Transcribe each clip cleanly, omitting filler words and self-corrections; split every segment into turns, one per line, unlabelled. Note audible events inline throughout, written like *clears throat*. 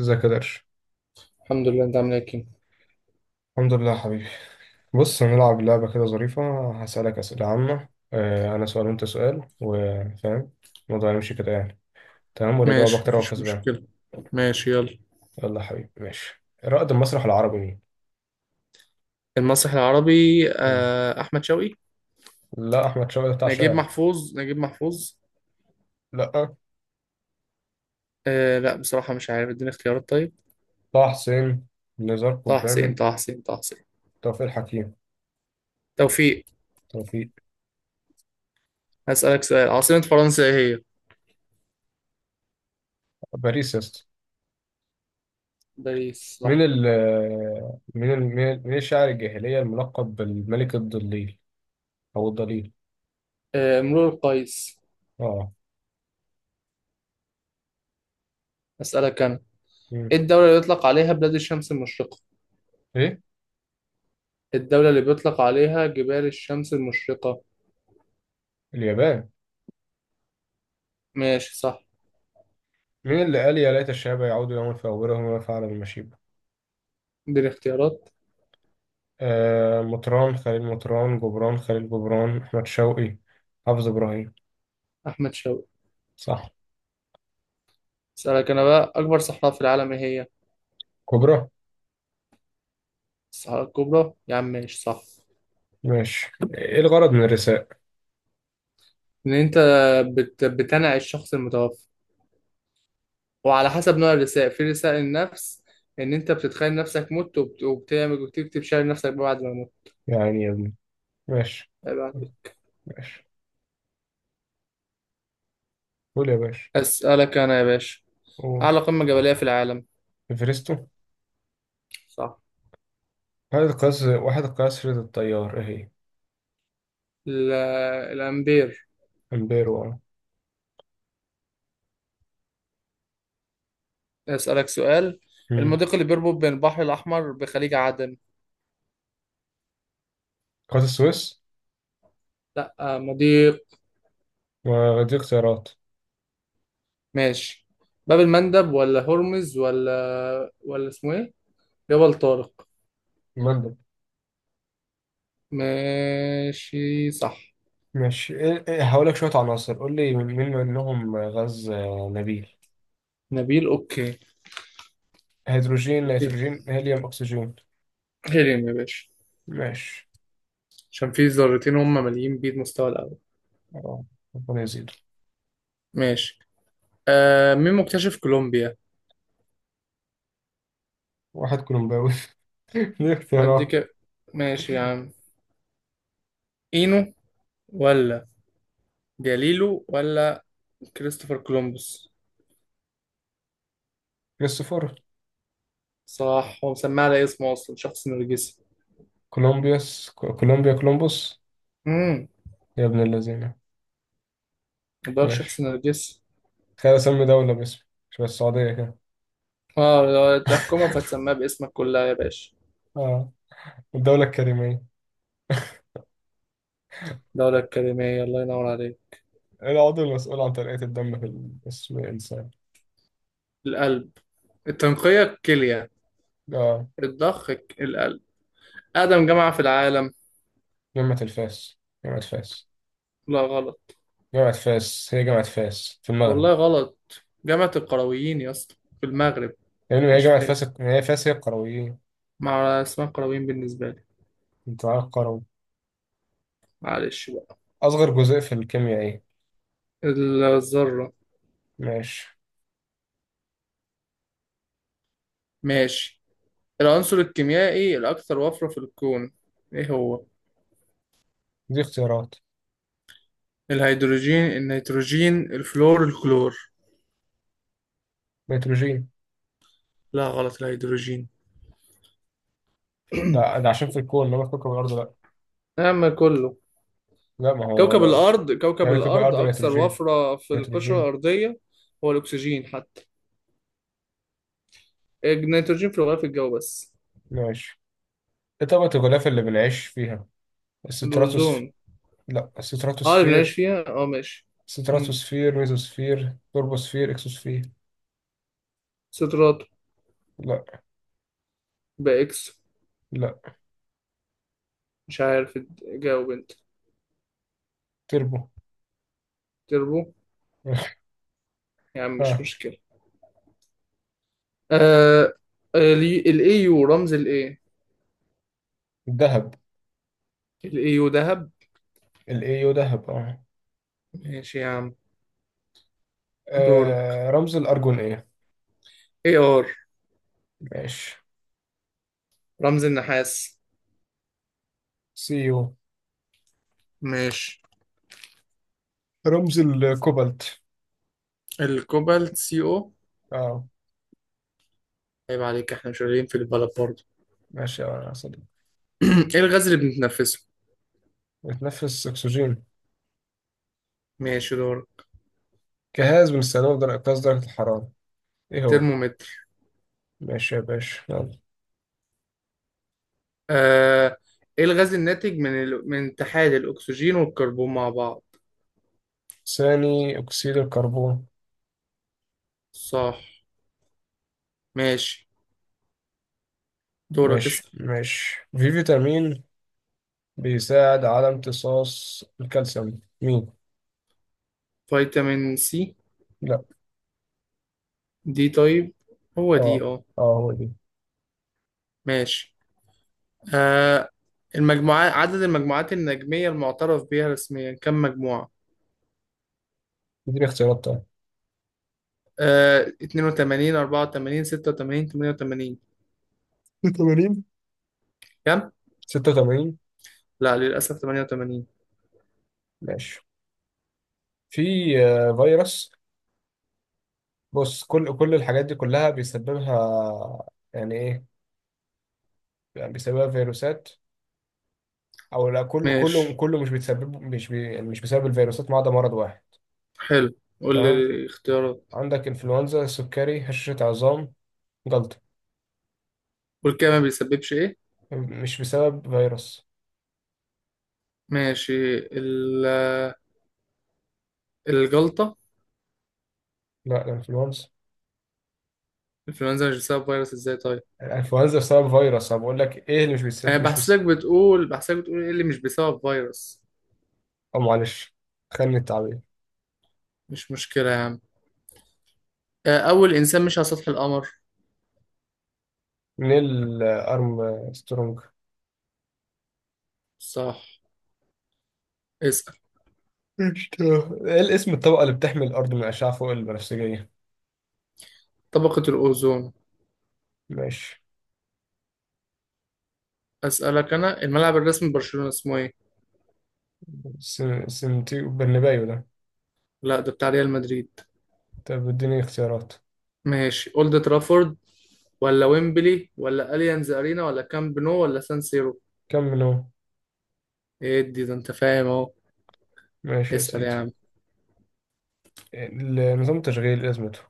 ازيك يا درش؟
الحمد لله. انت عامل ايه يا كيمو؟
الحمد لله يا حبيبي. بص، هنلعب لعبة كده ظريفة. هسألك أسئلة عامة، أنا سؤال وأنت سؤال، وفاهم الموضوع هيمشي كده يعني. تمام، واللي يجاوب
ماشي
أكتر هو
مفيش
كسبان.
مشكلة. ماشي يلا.
يلا يا حبيبي. ماشي، رائد المسرح العربي مين؟
المسرح العربي
آه.
آه، أحمد شوقي.
لا، أحمد شوقي بتاع
نجيب
شاعر.
محفوظ نجيب محفوظ
لا.
آه لا بصراحة مش عارف، اديني اختيارات طيب.
طه حسين، نزار
طه حسين
قباني،
طه حسين طه حسين
توفيق الحكيم.
توفيق.
توفيق.
هسألك سؤال، عاصمة فرنسا ايه هي؟
باريس يا اسطى.
باريس
مين
صح.
ال مين الشاعر الجاهلية الملقب بالملك الضليل، أو الضليل؟
آه مرور القيس.
اه.
أسألك أنا،
مم.
ايه الدولة اللي بيطلق عليها بلاد الشمس المشرقة؟
إيه؟
الدولة اللي بيطلق عليها جبال الشمس المشرقة.
اليابان.
ماشي صح.
مين اللي قال يا ليت الشباب يعودوا يوما فأولهم ما فعل بالمشيب؟
اديني اختيارات.
آه، مطران خليل مطران، جبران خليل جبران، أحمد شوقي، حافظ إبراهيم.
أحمد شوقي.
صح.
أسألك أنا بقى، أكبر صحراء في العالم ايه هي؟
كبرى.
الصحراء الكبرى يا عم، ماشي صح.
ماشي، إيه الغرض من الرساء؟
ان انت بتنعي الشخص المتوفى، وعلى حسب نوع الرسائل، في رسائل النفس ان انت بتتخيل نفسك مت وبتعمل وبتكتب شعر نفسك بعد ما مت.
يعني يا ابني. ماشي.
بعد-
ماشي، قول يا باشا.
اسالك انا يا باشا،
قول.
اعلى قمة جبلية في العالم.
إفرستو.
صح.
وحدة قياس، وحدة قياس رياض التيار إيه هي؟
ال... الامبير.
أمبيرو أه.
اسالك سؤال،
مم.
المضيق اللي بيربط بين البحر الاحمر بخليج عدن.
قناة السويس.
لا آه، مضيق.
ودي اختيارات.
ماشي. باب المندب ولا هرمز ولا اسمه ايه، جبل طارق.
مندب.
ماشي صح.
ماشي، إيه- إيه، هقول لك شوية عناصر، قول لي مين منهم غاز نبيل.
نبيل اوكي.
هيدروجين،
اديني.
نيتروجين، هيليوم، أكسجين.
هيلين يا باشا،
ماشي.
عشان في ذرتين هم ماليين بيه المستوى الاول.
آه، ربنا يزيد.
ماشي. آه مين مكتشف كولومبيا؟
واحد كولومباوي. *laughs* ليه
قد
اختيارات؟
كده. ماشي يا عم. اينو ولا جاليلو ولا كريستوفر كولومبوس.
كريستوفر.
صح، هو مسميه على اسمه اصلا، شخص نرجسي.
كولومبيوس، كولومبيا، كولومبوس.
امم،
يا ابن الذين.
ده شخص
ماشي.
نرجسي.
تخيل أسمي دولة باسمي. شبه السعودية كده.
اه لو الحكومة
*laughs*
فتسميها باسمك كلها يا باشا.
اه. الدولة الكريمية.
الدولة الكلمية، الله ينور عليك.
العضو المسؤول عن تنقية الدم في جسم الإنسان.
القلب. التنقية الكلية.
اه.
الضخ القلب. أقدم جامعة في العالم.
جامعة الفاس. جامعة فاس.
لا غلط.
جامعة فاس، هي جامعة فاس في المغرب.
والله غلط، جامعة القرويين يا اسطى، في المغرب.
يعني هي
مش
جامعة
فاس،
فاس، هي فاس، هي القرويين.
مع اسمها القرويين بالنسبة لي.
انت عارف.
معلش بقى.
أصغر جزيء في الكيمياء إيه؟
الذرة.
ماشي.
ماشي. العنصر الكيميائي الأكثر وفرة في الكون إيه هو؟
دي اختيارات.
الهيدروجين، النيتروجين، الفلور، الكلور.
نيتروجين.
لا غلط، الهيدروجين.
ده
*clears throat*
عشان في الكون، إنما في كوكب الأرض لأ.
نعم كله.
لا، ما هو
كوكب
لأ.
الأرض كوكب
يعني كوكب
الأرض
الأرض
أكثر
نيتروجين.
وفرة في القشرة
نيتروجين.
الأرضية. هو الأكسجين حتى، النيتروجين في الغلاف الجوي بس.
ماشي. إيه طبقة الغلاف اللي بنعيش فيها؟ الستراتوسف
الأوزون. اه اللي بنعيش
الستراتوسفير.
فيها، اه ماشي. مم.
ستراتوسفير، ميزوسفير، توربوسفير، إكسوسفير.
صدرات.
لأ.
بإكس.
لأ.
مش عارف، جاوب انت.
تربو.
تربو.
*laughs*
يا عم مش
آه.
مشكلة. آه الاي يو رمز الاي.
الذهب.
الاي يو ذهب.
الإيو ذهب. آه.
ماشي يا عم. دورك.
آه، رمز الأرجون إيه؟
اي ار.
ماشي.
رمز النحاس.
سي يو.
ماشي.
رمز الكوبالت.
الكوبالت سي او.
اه.
عيب عليك، احنا مش قليلين في البلد برضه.
ماشي يا صديقي.
*clears throat* ايه الغاز اللي بنتنفسه؟
بتنفس أكسجين.
ماشي دورك.
جهاز بنستخدمه لدرجة قياس درجة الحرارة، إيه هو؟
ترمومتر.
ماشي يا باشا، يلا.
آه ايه الغاز الناتج من من اتحاد الاكسجين والكربون مع بعض؟
ثاني أكسيد الكربون.
صح. ماشي دورك،
ماشي.
اسأل.
ماشي، في فيتامين بيساعد على امتصاص الكالسيوم، مين؟
فيتامين سي.
لا.
دي طيب. هو دي
اه.
اه.
اه هو دي.
ماشي. آه المجموعات، عدد المجموعات النجمية المعترف بها رسميا كم مجموعة؟
دي اختيارات طيب.
آه 82 84 86 88.
86.
كم؟
86.
لا للأسف 88.
ماشي. في فيروس. بص، كل الحاجات دي كلها بيسببها، يعني ايه؟ يعني بيسببها فيروسات او لا. كله كله
ماشي
كله مش بيتسبب، مش بي يعني مش بسبب الفيروسات، ما عدا مرض واحد.
حلو، قول لي
تمام.
الاختيارات.
عندك انفلونزا، سكري، هشاشة عظام، جلطة.
والكلى ما بيسببش ايه؟
مش بسبب فيروس.
ماشي الجلطة.
لا، الانفلونزا.
الإنفلونزا مش بسبب فيروس ازاي طيب؟
الانفلونزا بسبب فيروس، انا بقول لك ايه اللي مش
أنا
بيسبب مش
بحسبك
بس
بتقول بحسبك بتقول ايه اللي مش بسبب فيروس.
او معلش، خلني التعبير.
مش مشكلة يا عم. آه، أول إنسان مشي على سطح القمر.
نيل. ارم. سترونج.
صح. اسأل.
مش ت- ايه الاسم الطبقة اللي بتحمي الأرض من الأشعة فوق البنفسجية؟
طبقة الأوزون.
ماشي.
أسألك أنا، الملعب الرسمي لبرشلونة اسمه إيه؟
سمتي برنابيو ده.
لا ده بتاع ريال مدريد.
طب اديني اختيارات.
ماشي أولد ترافورد ولا ويمبلي ولا أليانز أرينا ولا كامب نو ولا سان سيرو.
كم منهم؟
إيه دي، ده أنت فاهم أهو.
ماشي يا
اسأل يا
سيدي.
عم.
نظام التشغيل إيه لازمته؟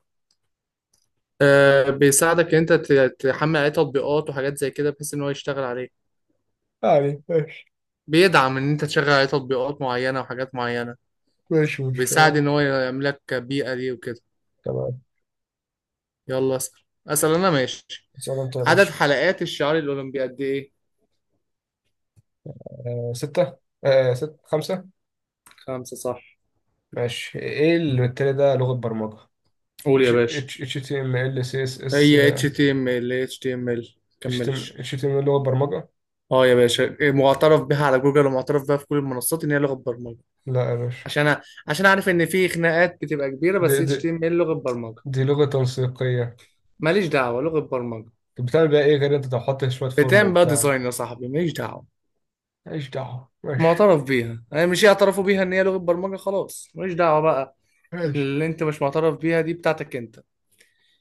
أه بيساعدك إن أنت تحمل عليه تطبيقات وحاجات زي كده بحيث إن هو يشتغل عليه.
يعني ماشي.
بيدعم إن أنت تشغل عليه تطبيقات معينة وحاجات معينة.
ماشي ماشي
بيساعد
تمام.
إن هو يعمل لك بيئة ليه وكده.
تمام.
يلا اسأل. أسأل أنا ماشي.
اسأل انت يا
عدد
باشا.
حلقات الشعار الأولمبي قد إيه؟
آه ستة. آه، ست، خمسة.
خمسة صح.
ماشي. ايه اللي بالتالي ده لغة برمجة؟
قول
اتش
يا باشا.
اتش اتش تي ام ال، سي اس اس.
هي HTML HTML
اتش تي ام
كملش.
اتش تي ام لغة برمجة.
اه يا باشا إيه، معترف بها على جوجل ومعترف بها في كل المنصات ان هي لغه برمجه.
لا يا باشا.
عشان عشان اعرف ان في خناقات بتبقى كبيره،
دي
بس
دي
HTML لغه برمجه.
دي لغة تنسيقية.
ماليش دعوه، لغه برمجه.
طب بتعمل بيها ايه غير انت تحط شوية فورم
بتعمل بقى
وبتاع؟
ديزاين يا صاحبي، ماليش دعوه.
ماليش دعوة. ماشي
معترف بيها، يعني مش يعترفوا بيها ان هي لغه برمجه، خلاص ماليش دعوه بقى.
ماشي
اللي انت مش معترف بيها دي بتاعتك انت.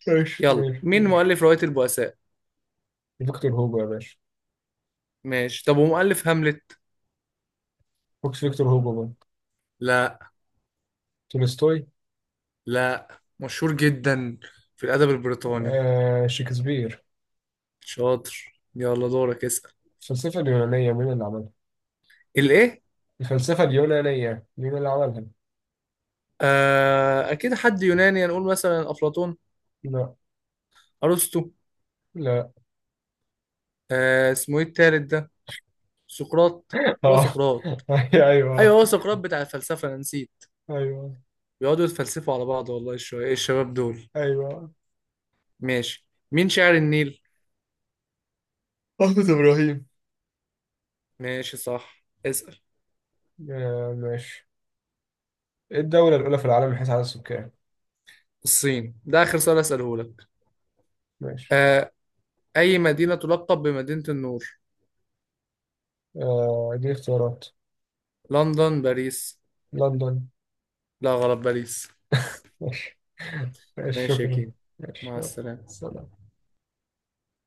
ماشي.
يلا
ماشي.
مين
ماشي.
مؤلف روايه البؤساء؟
فيكتور هوجو يا باشا.
ماشي، طب ومؤلف هاملت؟
فوكس، فيكتور هوجو بقى.
لا.
تولستوي.
لا. مشهور جدا في الأدب البريطاني.
آه شكسبير.
شاطر، يلا دورك اسأل.
الفلسفة اليونانية مين اللي عملها؟
الإيه؟
الفلسفة اليونانية مين اللي عملها؟
آه أكيد حد يوناني، هنقول مثلا أفلاطون.
لا.
أرسطو.
لا.
آه اسمه إيه التالت ده؟ سقراط.
*laughs*
هو
اه.
سقراط.
ايوه.
أيوه هو سقراط بتاع الفلسفة أنا نسيت.
ايوه.
بيقعدوا يتفلسفوا على بعض، والله الشوية، إيه الشباب دول.
ايوه.
ماشي، مين شاعر النيل؟
أحمد إبراهيم.
ماشي صح، اسأل.
آه ماشي. ايه الدولة الأولى في العالم من حيث عدد السكان؟
الصين. ده آخر سؤال أسأله لك.
ماشي.
آه أي مدينة تلقب بمدينة النور؟
آه دي اختيارات.
لندن، باريس.
لندن.
لا غلط، باريس.
ماشي. *laughs* ماشي،
ماشي يا
شكرا.
كيم.
ماشي
مع
يلا.
السلامة.
سلام.